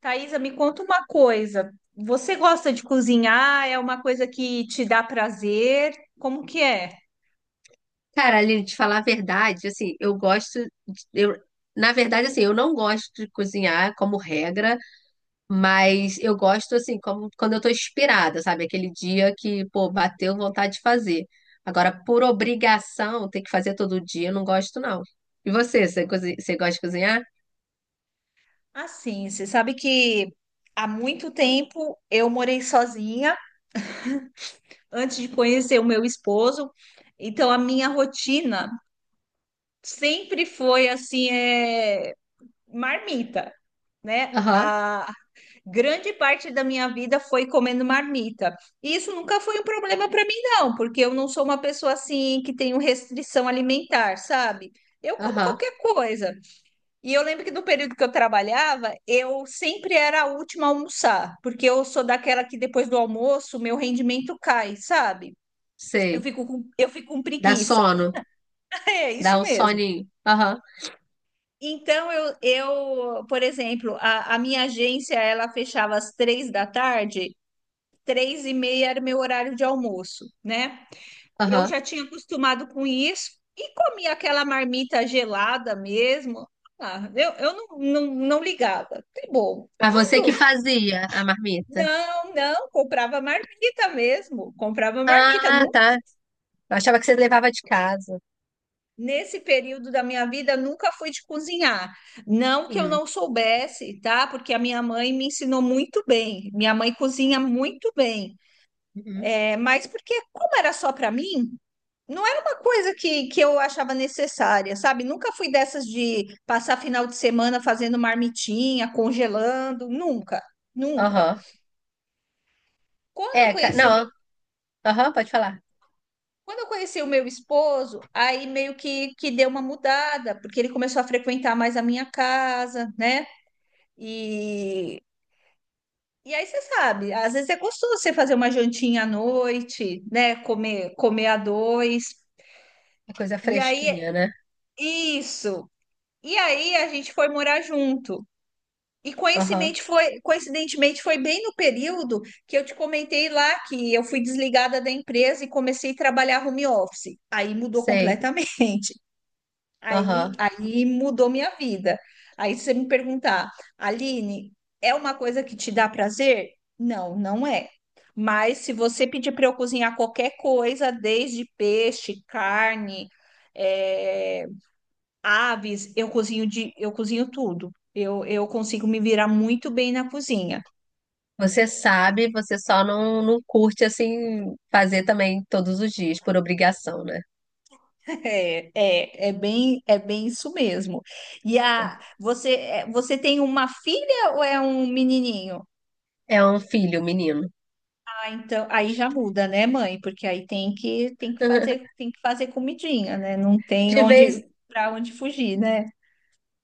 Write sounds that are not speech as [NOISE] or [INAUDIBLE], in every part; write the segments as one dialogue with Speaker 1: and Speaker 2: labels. Speaker 1: Thaisa, me conta uma coisa. Você gosta de cozinhar? É uma coisa que te dá prazer? Como que é?
Speaker 2: Cara, Aline, te falar a verdade, assim, eu gosto. de- Eu, na verdade, assim, eu não gosto de cozinhar como regra, mas eu gosto, assim, como, quando eu tô inspirada, sabe? Aquele dia que, pô, bateu vontade de fazer. Agora, por obrigação, ter que fazer todo dia, eu não gosto, não. E você, você gosta de cozinhar?
Speaker 1: Assim, você sabe que há muito tempo eu morei sozinha antes de conhecer o meu esposo. Então a minha rotina sempre foi assim, é marmita, né?
Speaker 2: Aham,
Speaker 1: A, grande parte da minha vida foi comendo marmita. E isso nunca foi um problema para mim, não, porque eu não sou uma pessoa assim que tenho restrição alimentar, sabe? Eu como
Speaker 2: aham,
Speaker 1: qualquer coisa. E eu lembro que no período que eu trabalhava, eu sempre era a última a almoçar, porque eu sou daquela que depois do almoço, meu rendimento cai, sabe? Eu
Speaker 2: sei.
Speaker 1: fico com, eu fico com
Speaker 2: Dá
Speaker 1: preguiça.
Speaker 2: sono,
Speaker 1: [LAUGHS] É
Speaker 2: dá
Speaker 1: isso
Speaker 2: um
Speaker 1: mesmo.
Speaker 2: soninho. Aham,
Speaker 1: Então, eu, por exemplo, a minha agência, ela fechava às três da tarde, três e meia era meu horário de almoço, né? Eu
Speaker 2: aham.
Speaker 1: já tinha acostumado com isso e comia aquela marmita gelada mesmo. Ah, eu não, não, não ligava. Que bom.
Speaker 2: Mas você que
Speaker 1: Quando?
Speaker 2: fazia a marmita?
Speaker 1: Não, não, comprava marmita mesmo, comprava marmita.
Speaker 2: Ah, tá. Eu achava que você levava de casa.
Speaker 1: Nesse período da minha vida, nunca fui de cozinhar. Não que eu
Speaker 2: Hum.
Speaker 1: não soubesse, tá? Porque a minha mãe me ensinou muito bem. Minha mãe cozinha muito bem.
Speaker 2: Uhum.
Speaker 1: É, mas porque, como era só para mim, não era uma coisa que eu achava necessária, sabe? Nunca fui dessas de passar final de semana fazendo marmitinha, congelando, nunca, nunca.
Speaker 2: Aham.
Speaker 1: Quando eu
Speaker 2: É,
Speaker 1: conheci, o
Speaker 2: não,
Speaker 1: meu-
Speaker 2: aham, pode falar.
Speaker 1: Quando eu conheci o meu esposo, aí meio que deu uma mudada, porque ele começou a frequentar mais a minha casa, né? E, e aí você sabe, às vezes é gostoso você fazer uma jantinha à noite, né? Comer, comer a dois.
Speaker 2: É coisa
Speaker 1: E aí,
Speaker 2: fresquinha, né?
Speaker 1: isso. E aí a gente foi morar junto. E
Speaker 2: Aham,
Speaker 1: coincidentemente foi bem no período que eu te comentei lá que eu fui desligada da empresa e comecei a trabalhar home office. Aí mudou
Speaker 2: sei.
Speaker 1: completamente. [LAUGHS] Aí,
Speaker 2: Aham.
Speaker 1: aí mudou minha vida. Aí se você me perguntar, Aline, é uma coisa que te dá prazer? Não, não é. Mas se você pedir para eu cozinhar qualquer coisa, desde peixe, carne, eh, aves, eu cozinho tudo. Eu consigo me virar muito bem na cozinha.
Speaker 2: Você sabe, você só não, não curte, assim, fazer também todos os dias, por obrigação, né?
Speaker 1: [LAUGHS] É, é, é bem isso mesmo. E a, você, é, você tem uma filha ou é um menininho?
Speaker 2: É um filho, menino.
Speaker 1: Ah, então, aí já muda, né, mãe? Porque aí tem que, tem que fazer,
Speaker 2: [LAUGHS]
Speaker 1: tem que fazer comidinha, né? Não tem
Speaker 2: De
Speaker 1: onde,
Speaker 2: vez.
Speaker 1: para onde fugir, né?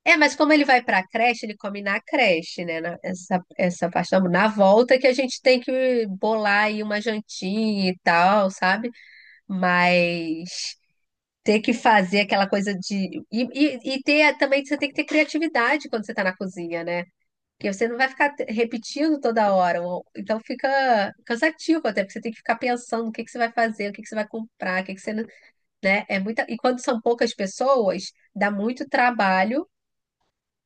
Speaker 2: É, mas como ele vai pra creche, ele come na creche, né? Essa, essa parte da... Na volta que a gente tem que bolar aí uma jantinha e tal, sabe? Mas ter que fazer aquela coisa de. E ter também, você tem que ter criatividade quando você está na cozinha, né? Porque você não vai ficar repetindo toda hora. Então fica cansativo até, porque você tem que ficar pensando o que que você vai fazer, o que que você vai comprar, o que que você. Né? É muita... E quando são poucas pessoas, dá muito trabalho.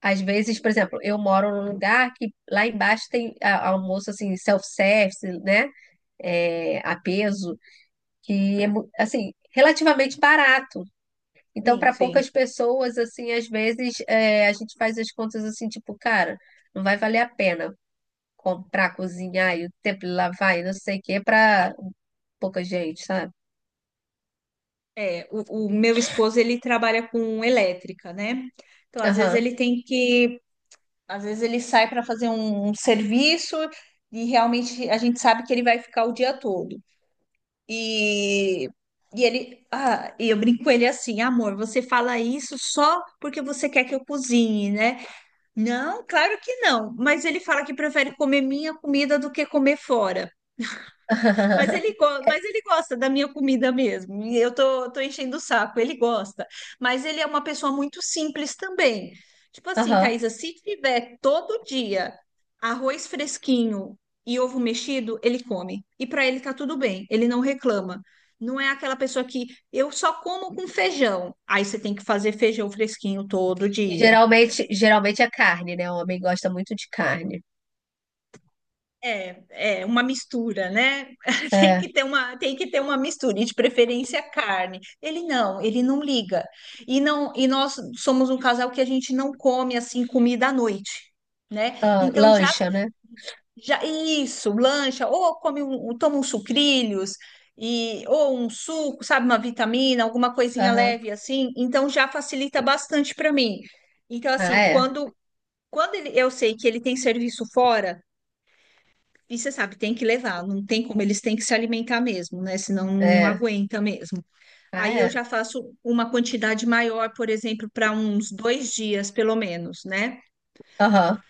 Speaker 2: Às vezes, por exemplo, eu moro num lugar que lá embaixo tem almoço assim, self-service, né? É, a peso, que é assim, relativamente barato. Então,
Speaker 1: Sim,
Speaker 2: para
Speaker 1: sim.
Speaker 2: poucas pessoas, assim, às vezes é, a gente faz as contas assim, tipo, cara, não vai valer a pena comprar, cozinhar e o tempo de lavar e não sei o quê para pouca gente, sabe?
Speaker 1: É, o meu esposo, ele trabalha com elétrica, né? Então, às vezes
Speaker 2: Aham.
Speaker 1: ele tem que... Às vezes ele sai para fazer um serviço e realmente a gente sabe que ele vai ficar o dia todo. E, e ele, ah, e eu brinco com ele assim, amor, você fala isso só porque você quer que eu cozinhe, né? Não, claro que não. Mas ele fala que prefere comer minha comida do que comer fora. Mas ele,
Speaker 2: [LAUGHS]
Speaker 1: go- mas ele gosta da minha comida mesmo. E eu tô enchendo o saco, ele gosta. Mas ele é uma pessoa muito simples também. Tipo assim,
Speaker 2: Aham.
Speaker 1: Thaisa, se tiver todo dia arroz fresquinho e ovo mexido, ele come. E para ele tá tudo bem, ele não reclama. Não é aquela pessoa que eu só como com feijão. Aí você tem que fazer feijão fresquinho todo
Speaker 2: E
Speaker 1: dia.
Speaker 2: geralmente, geralmente é carne, né? O homem gosta muito de carne.
Speaker 1: É, é uma mistura, né? [LAUGHS] Tem que
Speaker 2: É.
Speaker 1: ter uma, tem que ter uma mistura, e de preferência carne. Ele não liga. E não, e nós somos um casal que a gente não come assim comida à noite, né?
Speaker 2: Ah,
Speaker 1: Então já,
Speaker 2: lancha, né?
Speaker 1: já isso, lancha, ou come um, um, toma uns sucrilhos e ou um suco, sabe, uma vitamina, alguma coisinha
Speaker 2: Aham.
Speaker 1: leve assim. Então já facilita bastante para mim. Então
Speaker 2: Ah,
Speaker 1: assim,
Speaker 2: é.
Speaker 1: quando eu sei que ele tem serviço fora e você sabe, tem que levar, não tem como, eles têm que se alimentar mesmo, né? Senão não
Speaker 2: É.
Speaker 1: aguenta mesmo.
Speaker 2: Ah,
Speaker 1: Aí eu
Speaker 2: é.
Speaker 1: já faço uma quantidade maior, por exemplo, para uns dois dias, pelo menos, né?
Speaker 2: Aham.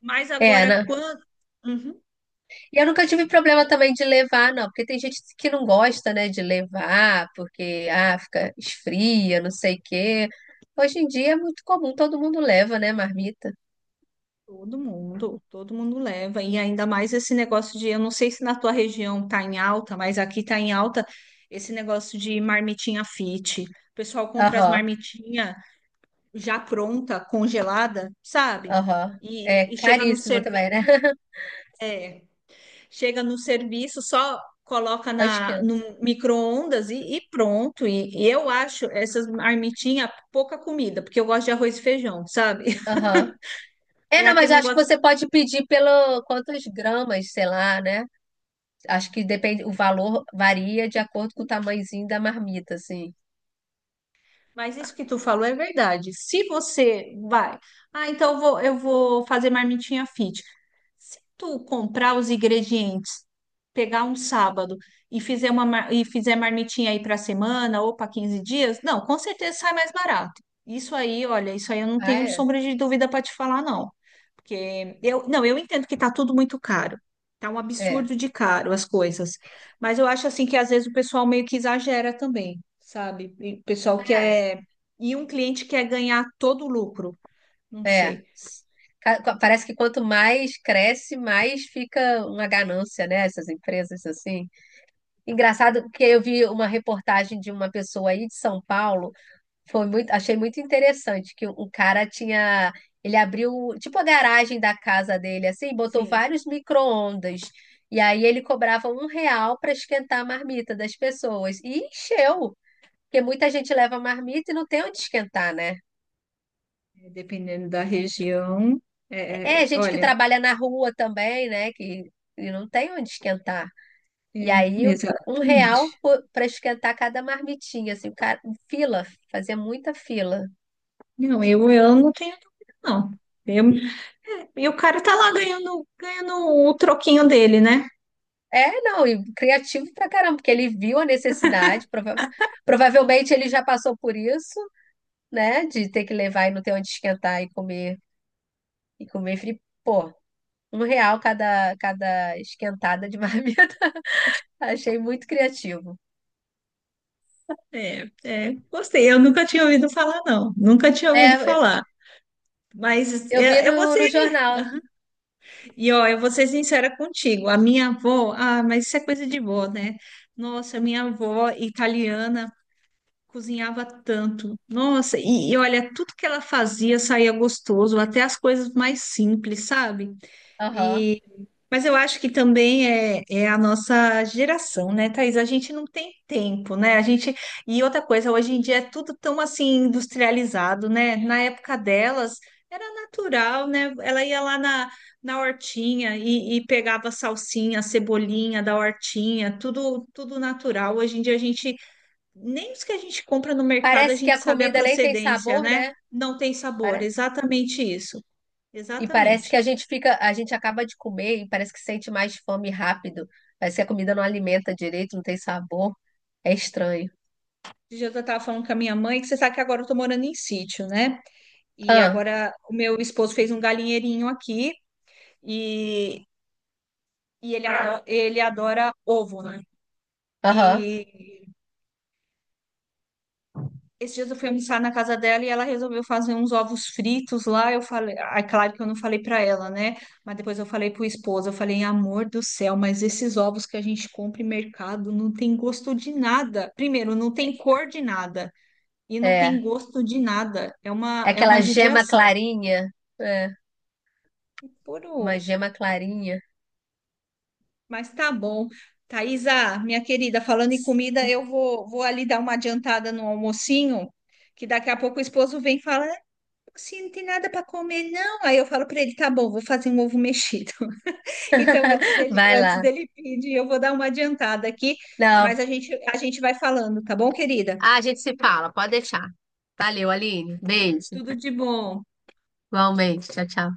Speaker 1: Mas
Speaker 2: É,
Speaker 1: agora,
Speaker 2: né?
Speaker 1: quando... Uhum,
Speaker 2: E eu nunca tive problema também de levar, não, porque tem gente que não gosta, né, de levar, porque ah, fica esfria, não sei o quê. Hoje em dia é muito comum, todo mundo leva, né, marmita.
Speaker 1: todo mundo leva. E ainda mais esse negócio de, eu não sei se na tua região tá em alta, mas aqui tá em alta esse negócio de marmitinha fit. O pessoal compra as
Speaker 2: Aham,
Speaker 1: marmitinhas já pronta, congelada, sabe?
Speaker 2: aham. É
Speaker 1: E, e chega no
Speaker 2: caríssimo também, né? [LAUGHS]
Speaker 1: serviço. chega no serviço, só coloca
Speaker 2: Só
Speaker 1: na, no
Speaker 2: esquenta.
Speaker 1: micro-ondas e pronto. E eu acho essas marmitinhas pouca comida, porque eu gosto de arroz e feijão, sabe? [LAUGHS]
Speaker 2: Aham. É,
Speaker 1: É
Speaker 2: não, mas
Speaker 1: aquele
Speaker 2: eu acho que
Speaker 1: negócio.
Speaker 2: você pode pedir pelo quantos gramas, sei lá, né? Acho que depende, o valor varia de acordo com o tamanhozinho da marmita, assim.
Speaker 1: Mas isso que tu falou é verdade. Se você vai, ah, então eu vou fazer marmitinha fit. Se tu comprar os ingredientes, pegar um sábado e fizer marmitinha aí para semana ou para 15 dias, não, com certeza sai mais barato. Isso aí, olha, isso aí eu não
Speaker 2: Ah,
Speaker 1: tenho
Speaker 2: é?
Speaker 1: sombra de dúvida para te falar, não. Porque eu, não, eu entendo que tá tudo muito caro. Tá um
Speaker 2: É.
Speaker 1: absurdo de caro as coisas. Mas eu acho assim que às vezes o pessoal meio que exagera também, sabe? E o pessoal
Speaker 2: Ah, é.
Speaker 1: quer. E um cliente quer ganhar todo o lucro. Não
Speaker 2: É.
Speaker 1: sei.
Speaker 2: Parece que quanto mais cresce, mais fica uma ganância, né? Essas empresas assim. Engraçado que eu vi uma reportagem de uma pessoa aí de São Paulo, foi muito, achei muito interessante que o cara tinha, ele abriu tipo a garagem da casa dele assim, botou
Speaker 1: Sim,
Speaker 2: vários micro-ondas. E aí ele cobrava um real para esquentar a marmita das pessoas. E encheu, porque muita gente leva marmita e não tem onde esquentar, né?
Speaker 1: é, dependendo da região. É,
Speaker 2: É,
Speaker 1: é,
Speaker 2: gente que
Speaker 1: olha,
Speaker 2: trabalha na rua também, né? Que não tem onde esquentar. E
Speaker 1: é,
Speaker 2: aí, um real
Speaker 1: exatamente.
Speaker 2: para esquentar cada marmitinha, assim, o cara, fila, fazia muita fila.
Speaker 1: Não, eu não tenho dúvida, não. Eu... e o cara tá lá ganhando, ganhando o troquinho dele, né?
Speaker 2: É, não, e criativo pra caramba, porque ele viu a necessidade, provavelmente ele já passou por isso, né? De ter que levar e não ter onde esquentar e comer frio. Pô, um real cada, cada esquentada de marmita. [LAUGHS] Achei muito criativo.
Speaker 1: É, é, gostei. Eu nunca tinha ouvido falar, não. Nunca tinha ouvido
Speaker 2: É,
Speaker 1: falar. Mas
Speaker 2: eu vi
Speaker 1: eu vou
Speaker 2: no,
Speaker 1: ser
Speaker 2: no jornal.
Speaker 1: E ó, eu vou ser sincera contigo, a minha avó, ah, mas isso é coisa de vó, né? Nossa, minha avó italiana cozinhava tanto. Nossa, e olha, tudo que ela fazia saía gostoso, até as coisas mais simples, sabe?
Speaker 2: Aham.
Speaker 1: E, mas eu acho que também é, é a nossa geração, né, Thaís? A gente não tem tempo, né? A gente, e outra coisa, hoje em dia é tudo tão assim industrializado, né? Na época delas era natural, né? Ela ia lá na, na hortinha e pegava salsinha, cebolinha da hortinha, tudo, tudo natural. Hoje em dia a gente, nem os que a gente compra no mercado a
Speaker 2: Parece que
Speaker 1: gente
Speaker 2: a
Speaker 1: sabe a
Speaker 2: comida nem tem
Speaker 1: procedência,
Speaker 2: sabor,
Speaker 1: né?
Speaker 2: né?
Speaker 1: Não tem sabor,
Speaker 2: Para-
Speaker 1: exatamente isso.
Speaker 2: E parece que
Speaker 1: Exatamente.
Speaker 2: a gente fica, a gente acaba de comer e parece que sente mais fome rápido. Parece que a comida não alimenta direito, não tem sabor. É estranho.
Speaker 1: Esse dia eu estava falando com a minha mãe, que você sabe que agora eu estou morando em sítio, né? E
Speaker 2: Ah,
Speaker 1: agora o meu esposo fez um galinheirinho aqui e, e ele adora ovo, né?
Speaker 2: aham,
Speaker 1: E esses dias eu fui almoçar na casa dela e ela resolveu fazer uns ovos fritos lá. Eu falei, ah, é claro que eu não falei para ela, né? Mas depois eu falei pro esposo, eu falei, amor do céu, mas esses ovos que a gente compra em mercado não tem gosto de nada. Primeiro, não tem cor de nada e não tem
Speaker 2: é.
Speaker 1: gosto de nada.
Speaker 2: É
Speaker 1: É uma
Speaker 2: aquela gema
Speaker 1: judiação.
Speaker 2: clarinha. É, uma
Speaker 1: Puro.
Speaker 2: gema clarinha.
Speaker 1: Mas tá bom. Thaisa, minha querida, falando em comida, eu vou, vou ali dar uma adiantada no almocinho, que daqui a pouco o esposo vem e fala, "Ah, assim, não tem nada para comer, não." Aí eu falo para ele, tá bom, vou fazer um ovo mexido. [LAUGHS] Então, antes
Speaker 2: [LAUGHS]
Speaker 1: dele,
Speaker 2: Vai
Speaker 1: antes
Speaker 2: lá.
Speaker 1: dele pedir, eu vou dar uma adiantada aqui, mas
Speaker 2: Não.
Speaker 1: a gente vai falando, tá bom, querida?
Speaker 2: Ah, a gente se fala, pode deixar. Valeu, Aline. Beijo.
Speaker 1: Tudo de bom.
Speaker 2: Igualmente. Tchau, tchau.